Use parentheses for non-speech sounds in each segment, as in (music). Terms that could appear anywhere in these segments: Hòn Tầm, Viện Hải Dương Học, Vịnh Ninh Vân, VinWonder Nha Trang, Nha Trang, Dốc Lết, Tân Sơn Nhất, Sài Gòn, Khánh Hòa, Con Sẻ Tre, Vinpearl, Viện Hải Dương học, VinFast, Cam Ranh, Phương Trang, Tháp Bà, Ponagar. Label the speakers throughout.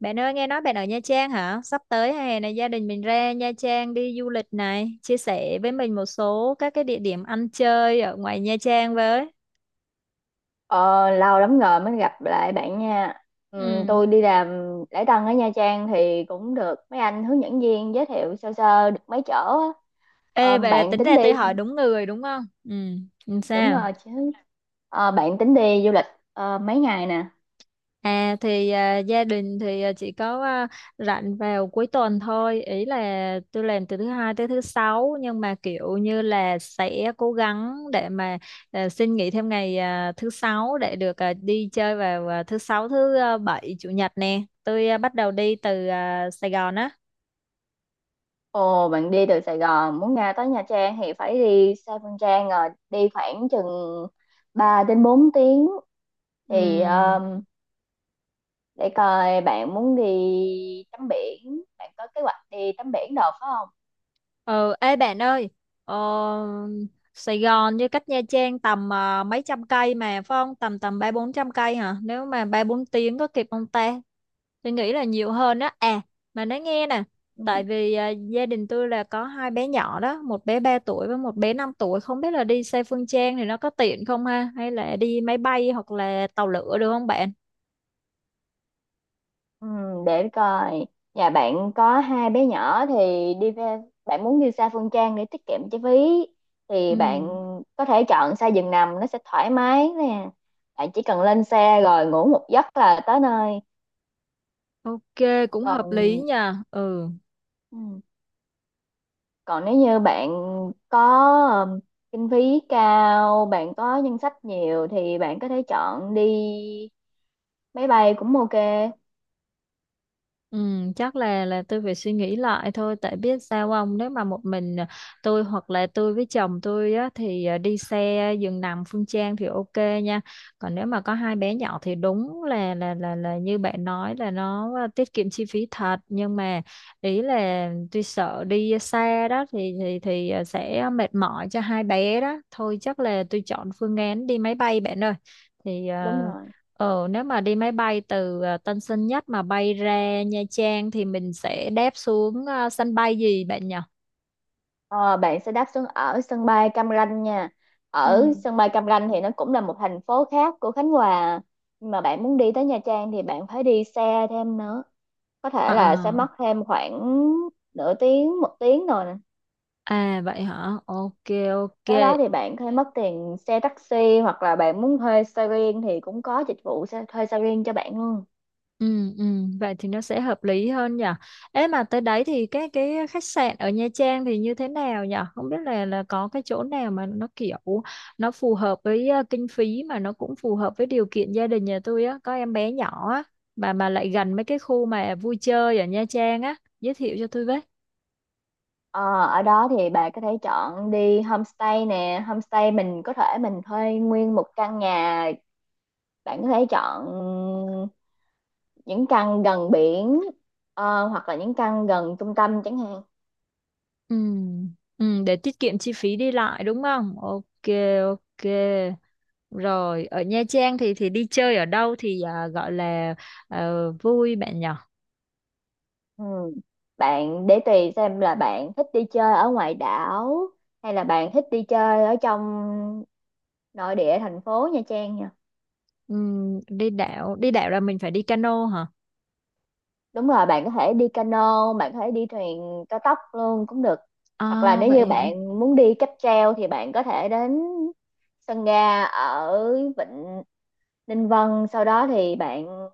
Speaker 1: Bạn ơi, nghe nói bạn ở Nha Trang hả? Sắp tới hè này gia đình mình ra Nha Trang đi du lịch này, chia sẻ với mình một số các cái địa điểm ăn chơi ở ngoài Nha Trang với.
Speaker 2: Ờ, lâu lắm rồi mới gặp lại bạn nha.
Speaker 1: Ừ.
Speaker 2: Tôi đi làm lễ tân ở Nha Trang thì cũng được mấy anh hướng dẫn viên giới thiệu sơ sơ được mấy chỗ á.
Speaker 1: Ê,
Speaker 2: Ờ,
Speaker 1: vậy là
Speaker 2: bạn
Speaker 1: tính
Speaker 2: tính
Speaker 1: ra
Speaker 2: đi,
Speaker 1: tôi hỏi đúng người đúng không? Ừ, làm
Speaker 2: đúng
Speaker 1: sao?
Speaker 2: rồi chứ. Ờ, bạn tính đi du lịch mấy ngày nè.
Speaker 1: Gia đình chỉ có, rảnh vào cuối tuần thôi, ý là tôi làm từ thứ hai tới thứ sáu, nhưng mà kiểu như là sẽ cố gắng để mà xin nghỉ thêm ngày, thứ sáu để được đi chơi vào thứ sáu, thứ bảy, chủ nhật nè. Tôi bắt đầu đi từ Sài Gòn á.
Speaker 2: Ồ, bạn đi từ Sài Gòn muốn ra tới Nha Trang thì phải đi xe Phương Trang rồi đi khoảng chừng 3 đến 4 tiếng thì
Speaker 1: Ừ,
Speaker 2: để coi bạn muốn đi tắm biển, bạn có kế hoạch đi tắm biển được phải không?
Speaker 1: ừ, ê bạn ơi, ờ, Sài Gòn với cách Nha Trang tầm mấy trăm cây mà phải không? Tầm tầm ba bốn trăm cây hả? Nếu mà ba bốn tiếng có kịp không ta? Tôi nghĩ là nhiều hơn á mà nói nghe nè, tại vì gia đình tôi là có hai bé nhỏ đó, một bé 3 tuổi với một bé 5 tuổi, không biết là đi xe Phương Trang thì nó có tiện không ha, hay là đi máy bay hoặc là tàu lửa được không bạn?
Speaker 2: Ừ, để coi nhà bạn có hai bé nhỏ thì đi về, bạn muốn đi xa Phương Trang để tiết kiệm chi phí thì bạn
Speaker 1: Ừ.
Speaker 2: có thể chọn xe giường nằm, nó sẽ thoải mái nè, bạn chỉ cần lên xe rồi ngủ một giấc là tới nơi.
Speaker 1: OK cũng hợp lý
Speaker 2: Còn
Speaker 1: nha. Ừ,
Speaker 2: ừ, còn nếu như bạn có ừm, kinh phí cao, bạn có ngân sách nhiều thì bạn có thể chọn đi máy bay cũng ok.
Speaker 1: ừ, chắc là tôi phải suy nghĩ lại thôi, tại biết sao ông, nếu mà một mình tôi hoặc là tôi với chồng tôi á, thì đi xe giường nằm Phương Trang thì OK nha. Còn nếu mà có hai bé nhỏ thì đúng là như bạn nói, là nó tiết kiệm chi phí thật, nhưng mà ý là tôi sợ đi xa đó thì sẽ mệt mỏi cho hai bé đó thôi, chắc là tôi chọn phương án đi máy bay bạn ơi, thì
Speaker 2: Đúng
Speaker 1: à,
Speaker 2: rồi.
Speaker 1: Ờ, nếu mà đi máy bay từ Tân Sơn Nhất mà bay ra Nha Trang thì mình sẽ đáp xuống sân bay gì bạn nhỉ?
Speaker 2: Ờ, bạn sẽ đáp xuống ở sân bay Cam Ranh nha. Ở
Speaker 1: Ừ.
Speaker 2: sân bay Cam Ranh thì nó cũng là một thành phố khác của Khánh Hòa. Nhưng mà bạn muốn đi tới Nha Trang thì bạn phải đi xe thêm nữa. Có
Speaker 1: À,
Speaker 2: thể là sẽ
Speaker 1: à,
Speaker 2: mất thêm khoảng nửa tiếng, một tiếng rồi nè.
Speaker 1: à, vậy hả? OK,
Speaker 2: Tới đó
Speaker 1: OK.
Speaker 2: thì bạn có thể mất tiền xe taxi hoặc là bạn muốn thuê xe riêng thì cũng có dịch vụ xe, thuê xe riêng cho bạn luôn.
Speaker 1: Ừ, ừ, vậy thì nó sẽ hợp lý hơn nhỉ. Ê mà tới đấy thì cái khách sạn ở Nha Trang thì như thế nào nhỉ? Không biết là có cái chỗ nào mà nó kiểu nó phù hợp với kinh phí, mà nó cũng phù hợp với điều kiện gia đình nhà tôi á, có em bé nhỏ á, mà lại gần mấy cái khu mà vui chơi ở Nha Trang á, giới thiệu cho tôi với.
Speaker 2: Ờ, ở đó thì bạn có thể chọn đi homestay nè. Homestay mình có thể mình thuê nguyên một căn nhà. Bạn có thể chọn những căn gần biển, hoặc là những căn gần trung tâm chẳng hạn.
Speaker 1: Ừ, ừ, để tiết kiệm chi phí đi lại đúng không? OK, OK. Rồi, ở Nha Trang thì đi chơi ở đâu thì gọi là vui bạn nhỏ.
Speaker 2: Ừ, bạn để tùy xem là bạn thích đi chơi ở ngoài đảo hay là bạn thích đi chơi ở trong nội địa thành phố Nha Trang nha.
Speaker 1: Đi đảo, là mình phải đi cano hả?
Speaker 2: Đúng rồi, bạn có thể đi cano, bạn có thể đi thuyền cao tốc luôn cũng được. Hoặc là
Speaker 1: À
Speaker 2: nếu như
Speaker 1: vậy hả?
Speaker 2: bạn muốn đi cáp treo thì bạn có thể đến sân ga ở Vịnh Ninh Vân, sau đó thì bạn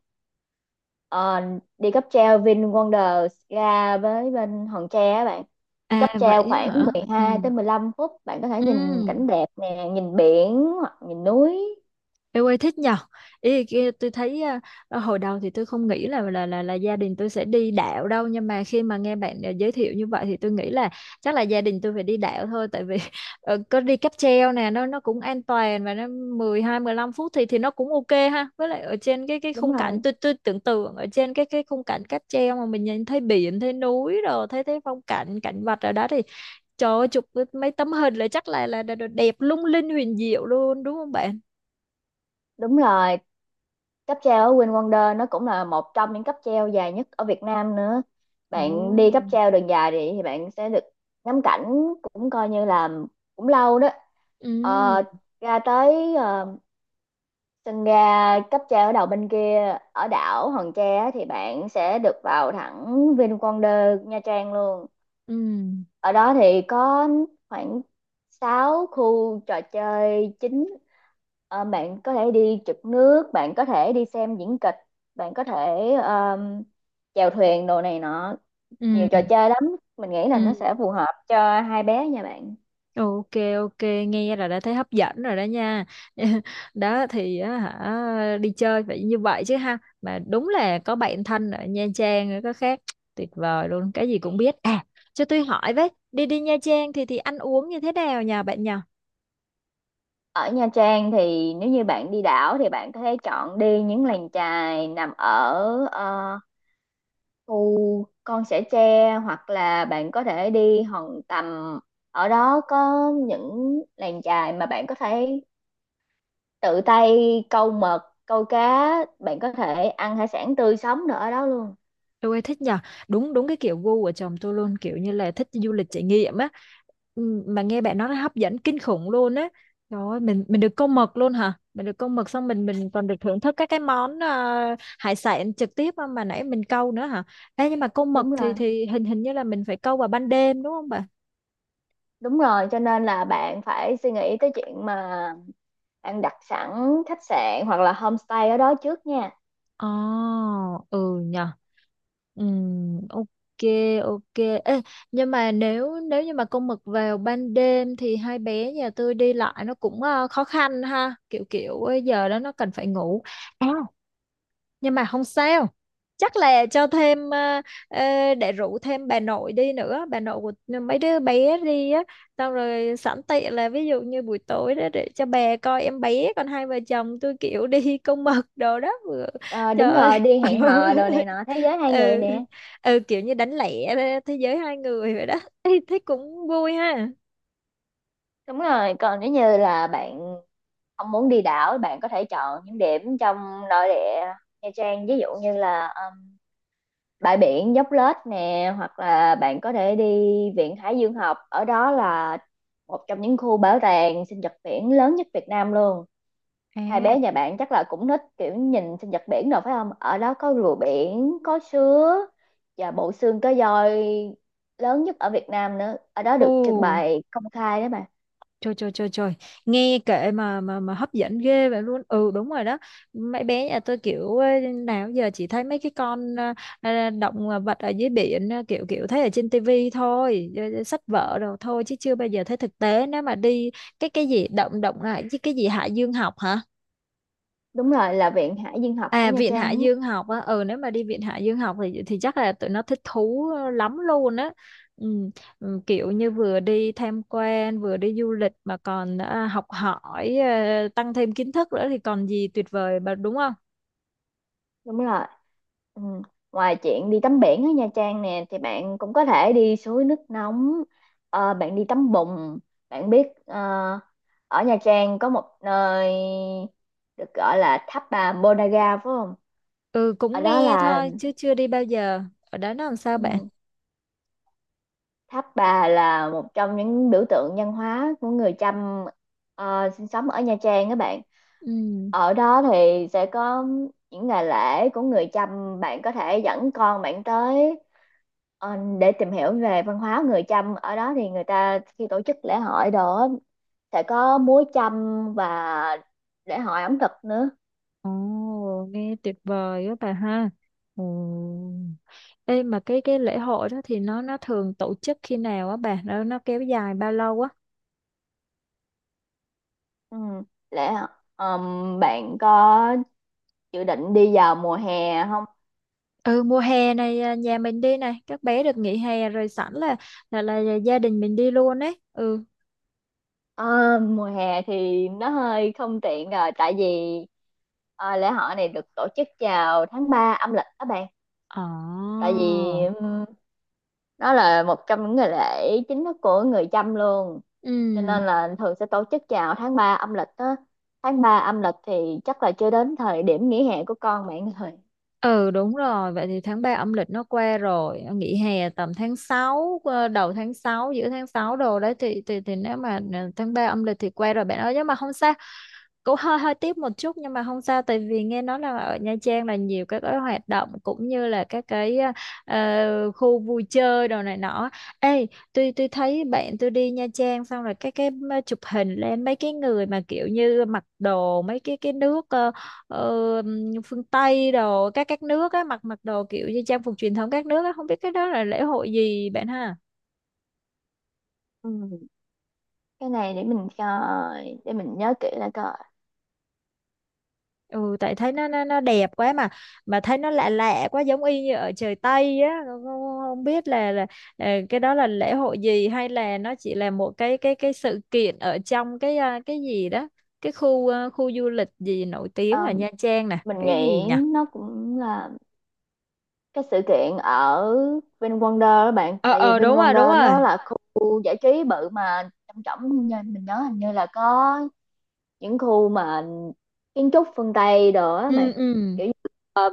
Speaker 2: Ờ, đi cáp treo VinWonders ra với bên Hòn Tre á bạn, đi
Speaker 1: À
Speaker 2: cáp treo
Speaker 1: vậy á
Speaker 2: khoảng
Speaker 1: hả? Ừ.
Speaker 2: 12 tới 15 phút, bạn có thể
Speaker 1: Ừ.
Speaker 2: nhìn cảnh đẹp nè, nhìn biển hoặc nhìn núi.
Speaker 1: Em ơi thích nhờ, ý kia tôi thấy hồi đầu thì tôi không nghĩ là gia đình tôi sẽ đi đạo đâu, nhưng mà khi mà nghe bạn giới thiệu như vậy thì tôi nghĩ là chắc là gia đình tôi phải đi đạo thôi, tại vì (laughs) có đi cáp treo nè, nó cũng an toàn, và nó mười hai mười 15 phút thì nó cũng OK ha, với lại ở trên cái
Speaker 2: Đúng
Speaker 1: khung cảnh,
Speaker 2: rồi,
Speaker 1: tôi tưởng tượng ở trên cái khung cảnh cáp treo mà mình nhìn thấy biển, thấy núi, rồi thấy thấy phong cảnh, cảnh vật ở đó thì trời ơi, chụp mấy tấm hình là chắc là đẹp lung linh huyền diệu luôn đúng không bạn?
Speaker 2: đúng rồi, cáp treo ở VinWonders nó cũng là một trong những cáp treo dài nhất ở Việt Nam nữa.
Speaker 1: Ồ.
Speaker 2: Bạn đi cáp treo đường dài thì bạn sẽ được ngắm cảnh, cũng coi như là cũng lâu đó.
Speaker 1: Ừ,
Speaker 2: Ờ, ra tới ờ, sân ga cấp tre ở đầu bên kia ở đảo Hòn Tre á, thì bạn sẽ được vào thẳng VinWonder Nha Trang luôn.
Speaker 1: ừ,
Speaker 2: Ở đó thì có khoảng 6 khu trò chơi chính. Ờ, bạn có thể đi trượt nước, bạn có thể đi xem diễn kịch, bạn có thể chèo thuyền đồ này nọ, nhiều
Speaker 1: ừ,
Speaker 2: trò chơi lắm. Mình nghĩ là nó
Speaker 1: ừ.
Speaker 2: sẽ phù hợp cho hai bé nha bạn.
Speaker 1: OK, OK, nghe là đã thấy hấp dẫn rồi đó nha. (laughs) Đó thì á hả, đi chơi phải như vậy chứ ha. Mà đúng là có bạn thân ở Nha Trang nữa có khác. Tuyệt vời luôn, cái gì cũng biết. À, cho tôi hỏi với, đi đi Nha Trang thì ăn uống như thế nào nhà bạn nhỉ?
Speaker 2: Ở Nha Trang thì nếu như bạn đi đảo thì bạn có thể chọn đi những làng chài nằm ở khu Con Sẻ Tre hoặc là bạn có thể đi Hòn Tầm. Ở đó có những làng chài mà bạn có thể tự tay câu mực, câu cá, bạn có thể ăn hải sản tươi sống nữa ở đó luôn.
Speaker 1: Ôi thích nhờ, đúng đúng cái kiểu gu của chồng tôi luôn, kiểu như là thích du lịch trải nghiệm á. Ừ, mà nghe bạn nói nó hấp dẫn kinh khủng luôn á, trời ơi, mình được câu mực luôn hả? Mình được câu mực, xong mình còn được thưởng thức các cái món hải sản trực tiếp mà nãy mình câu nữa hả? Ê, nhưng mà câu mực
Speaker 2: Đúng
Speaker 1: thì
Speaker 2: rồi,
Speaker 1: hình hình như là mình phải câu vào ban đêm đúng không bà?
Speaker 2: đúng rồi, cho nên là bạn phải suy nghĩ tới chuyện mà bạn đặt sẵn khách sạn hoặc là homestay ở đó trước nha.
Speaker 1: Ồ, ừ nhờ. Ừ, OK, OK. Ê, nhưng mà nếu nếu như mà con mực vào ban đêm thì hai bé nhà tôi đi lại nó cũng khó khăn ha. Kiểu kiểu giờ đó nó cần phải ngủ. À, nhưng mà không sao, chắc là cho thêm ờ, để rủ thêm bà nội đi nữa, bà nội của mấy đứa bé đi á, xong rồi sẵn tiện là ví dụ như buổi tối đó để cho bà coi em bé, còn hai vợ chồng tôi kiểu đi (laughs) câu mực đồ đó vừa.
Speaker 2: Ờ,
Speaker 1: Trời
Speaker 2: đúng rồi,
Speaker 1: ơi
Speaker 2: đi hẹn hò đồ này
Speaker 1: (laughs)
Speaker 2: nọ, thế giới hai người
Speaker 1: ừ.
Speaker 2: nè.
Speaker 1: Ừ, kiểu như đánh lẻ, thế giới hai người vậy đó. Ê, thế cũng vui ha.
Speaker 2: Đúng rồi, còn nếu như là bạn không muốn đi đảo, bạn có thể chọn những điểm trong nội địa Nha Trang, ví dụ như là bãi biển Dốc Lết nè, hoặc là bạn có thể đi Viện Hải Dương Học. Ở đó là một trong những khu bảo tàng sinh vật biển lớn nhất Việt Nam luôn. Hai
Speaker 1: À,
Speaker 2: bé nhà bạn chắc là cũng thích kiểu nhìn sinh nhật biển rồi phải không? Ở đó có rùa biển, có sứa và bộ xương cá voi lớn nhất ở Việt Nam nữa. Ở đó
Speaker 1: ồ,
Speaker 2: được trưng bày công khai đó mà.
Speaker 1: trời trời trời trời, nghe kệ mà hấp dẫn ghê vậy luôn. Ừ, đúng rồi đó, mấy bé nhà tôi kiểu ê, nào giờ chỉ thấy mấy cái con động vật ở dưới biển, kiểu kiểu thấy ở trên tivi thôi, sách vở rồi thôi, chứ chưa bao giờ thấy thực tế. Nếu mà đi cái gì động động lại, chứ cái gì Hải Dương Học hả?
Speaker 2: Đúng rồi, là Viện Hải Dương học của
Speaker 1: À,
Speaker 2: Nha
Speaker 1: Viện
Speaker 2: Trang
Speaker 1: Hải
Speaker 2: ấy.
Speaker 1: Dương Học á. Ừ, nếu mà đi Viện Hải Dương Học thì chắc là tụi nó thích thú lắm luôn á. Ừ, ừ, kiểu như vừa đi tham quan, vừa đi du lịch mà còn học hỏi, tăng thêm kiến thức nữa thì còn gì tuyệt vời mà đúng không?
Speaker 2: Đúng rồi. Ừ. Ngoài chuyện đi tắm biển ở Nha Trang nè thì bạn cũng có thể đi suối nước nóng, ờ, bạn đi tắm bùn. Bạn biết ờ, ở Nha Trang có một nơi được gọi là tháp bà Ponagar phải không?
Speaker 1: Ừ,
Speaker 2: Ở
Speaker 1: cũng
Speaker 2: đó
Speaker 1: nghe
Speaker 2: là
Speaker 1: thôi chứ chưa đi bao giờ. Ở đó nó làm sao bạn?
Speaker 2: ừ. Tháp Bà là một trong những biểu tượng văn hóa của người Chăm ờ, sinh sống ở Nha Trang các bạn.
Speaker 1: Ừ.
Speaker 2: Ở đó thì sẽ có những ngày lễ của người Chăm, bạn có thể dẫn con bạn tới ờ, để tìm hiểu về văn hóa người Chăm. Ở đó thì người ta khi tổ chức lễ hội đó sẽ có múa Chăm và lễ hội ẩm thực nữa.
Speaker 1: Ồ, nghe tuyệt vời á bà ha. Ồ. Ê, mà cái lễ hội đó thì nó thường tổ chức khi nào á bà? Nó kéo dài bao lâu á?
Speaker 2: Ừ. Lễ bạn có dự định đi vào mùa hè không?
Speaker 1: Ừ, mùa hè này, nhà mình đi này, các bé được nghỉ hè rồi, sẵn là gia đình mình đi luôn ấy. Ừ.
Speaker 2: Ờ, mùa hè thì nó hơi không tiện rồi, tại vì ờ, lễ hội này được tổ chức vào tháng 3 âm lịch các bạn,
Speaker 1: Ồ,
Speaker 2: tại vì nó là một trong những ngày lễ chính thức của người Chăm luôn, cho
Speaker 1: ừ.
Speaker 2: nên là thường sẽ tổ chức vào tháng 3 âm lịch á. Tháng 3 âm lịch thì chắc là chưa đến thời điểm nghỉ hè của con bạn rồi.
Speaker 1: Ừ, đúng rồi, vậy thì tháng 3 âm lịch nó qua rồi, nghỉ hè tầm tháng sáu, đầu tháng sáu, giữa tháng 6 đồ đấy, thì nếu mà tháng 3 âm lịch thì qua rồi bạn ơi, nhưng mà không sao, cũng hơi hơi tiếc một chút, nhưng mà không sao, tại vì nghe nói là ở Nha Trang là nhiều các cái hoạt động cũng như là các cái khu vui chơi đồ này nọ. Ê, tôi thấy bạn tôi đi Nha Trang xong rồi chụp hình lên mấy cái người mà kiểu như mặc đồ mấy cái nước ờ, phương Tây đồ, các nước á, mặc mặc đồ kiểu như trang phục truyền thống các nước á, không biết cái đó là lễ hội gì bạn ha.
Speaker 2: Ừ, cái này để mình coi, để mình nhớ kỹ lại coi.
Speaker 1: Ừ, tại thấy nó đẹp quá mà thấy nó lạ lạ quá, giống y như ở trời Tây á. Không, không, không biết là cái đó là lễ hội gì, hay là nó chỉ là một cái sự kiện ở trong cái cái gì đó, cái khu, khu du lịch gì nổi
Speaker 2: Ờ,
Speaker 1: tiếng ở Nha Trang nè,
Speaker 2: mình nghĩ
Speaker 1: cái gì nhỉ?
Speaker 2: nó cũng là cái sự kiện ở VinWonder đó bạn,
Speaker 1: Ờ,
Speaker 2: tại vì
Speaker 1: ờ, đúng rồi, đúng
Speaker 2: VinWonder nó
Speaker 1: rồi.
Speaker 2: là khu giải trí bự mà, trong trọng như mình nhớ hình như là có những khu mà kiến trúc phương Tây đồ á bạn,
Speaker 1: Ừ, ừ.
Speaker 2: kiểu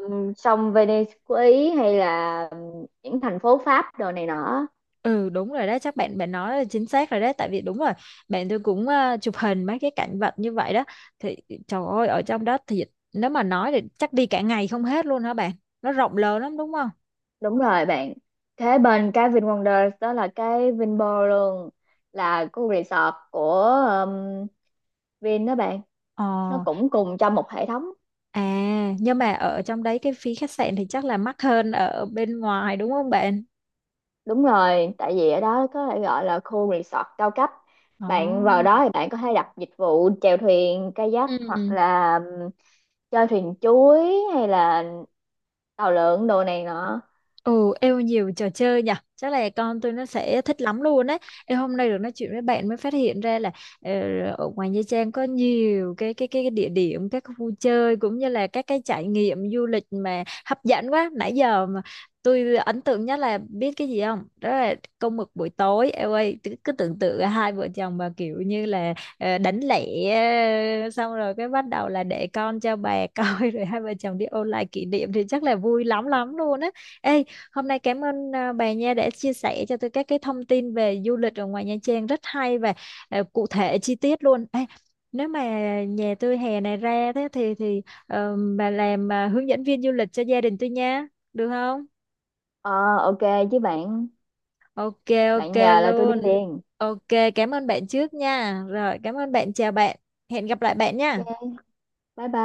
Speaker 2: như sông Venice của Ý hay là những thành phố Pháp đồ này nọ.
Speaker 1: Ừ, đúng rồi đó, chắc bạn bạn nói là chính xác rồi đấy, tại vì đúng rồi, bạn tôi cũng chụp hình mấy cái cảnh vật như vậy đó. Thì trời ơi, ở trong đó thì nếu mà nói thì chắc đi cả ngày không hết luôn hả bạn? Nó rộng lớn lắm đúng không?
Speaker 2: Đúng rồi bạn, thế bên cái VinWonder đó là cái Vinpearl luôn, là khu resort của um, Vin đó bạn,
Speaker 1: Ờ.
Speaker 2: nó cũng cùng trong một hệ thống.
Speaker 1: À, nhưng mà ở trong đấy cái phí khách sạn thì chắc là mắc hơn ở bên ngoài đúng không bạn?
Speaker 2: Đúng rồi, tại vì ở đó có thể gọi là khu resort cao cấp. Bạn vào
Speaker 1: Ồ.
Speaker 2: đó thì bạn có thể đặt dịch vụ chèo thuyền, kayak
Speaker 1: Ừ.
Speaker 2: hoặc là chơi thuyền chuối hay là tàu lượn đồ này nọ.
Speaker 1: Ừ, yêu nhiều trò chơi nhỉ. Chắc là con tôi nó sẽ thích lắm luôn đấy. Em hôm nay được nói chuyện với bạn mới phát hiện ra là ờ, ở ngoài Nha Trang có nhiều cái địa điểm, các khu chơi cũng như là các cái trải nghiệm du lịch mà hấp dẫn quá. Nãy giờ mà tôi ấn tượng nhất là biết cái gì không? Đó là câu mực buổi tối. Em ơi, cứ tưởng tượng hai vợ chồng mà kiểu như là đánh lẻ, ờ, xong rồi cái bắt đầu là để con cho bà coi (laughs) rồi hai vợ chồng đi ôn lại kỷ niệm thì chắc là vui lắm lắm luôn á. Ê, hôm nay cảm ơn bà Nha đã chia sẻ cho tôi các cái thông tin về du lịch ở ngoài Nha Trang rất hay và cụ thể chi tiết luôn. Ê, nếu mà nhà tôi hè này ra thế thì bà làm hướng dẫn viên du lịch cho gia đình tôi nha, được không?
Speaker 2: Ờ, ok chứ bạn,
Speaker 1: OK, OK
Speaker 2: bạn nhờ là tôi đi
Speaker 1: luôn.
Speaker 2: liền.
Speaker 1: OK, cảm ơn bạn trước nha. Rồi, cảm ơn bạn, chào bạn. Hẹn gặp lại bạn nha.
Speaker 2: Ok, bye bye.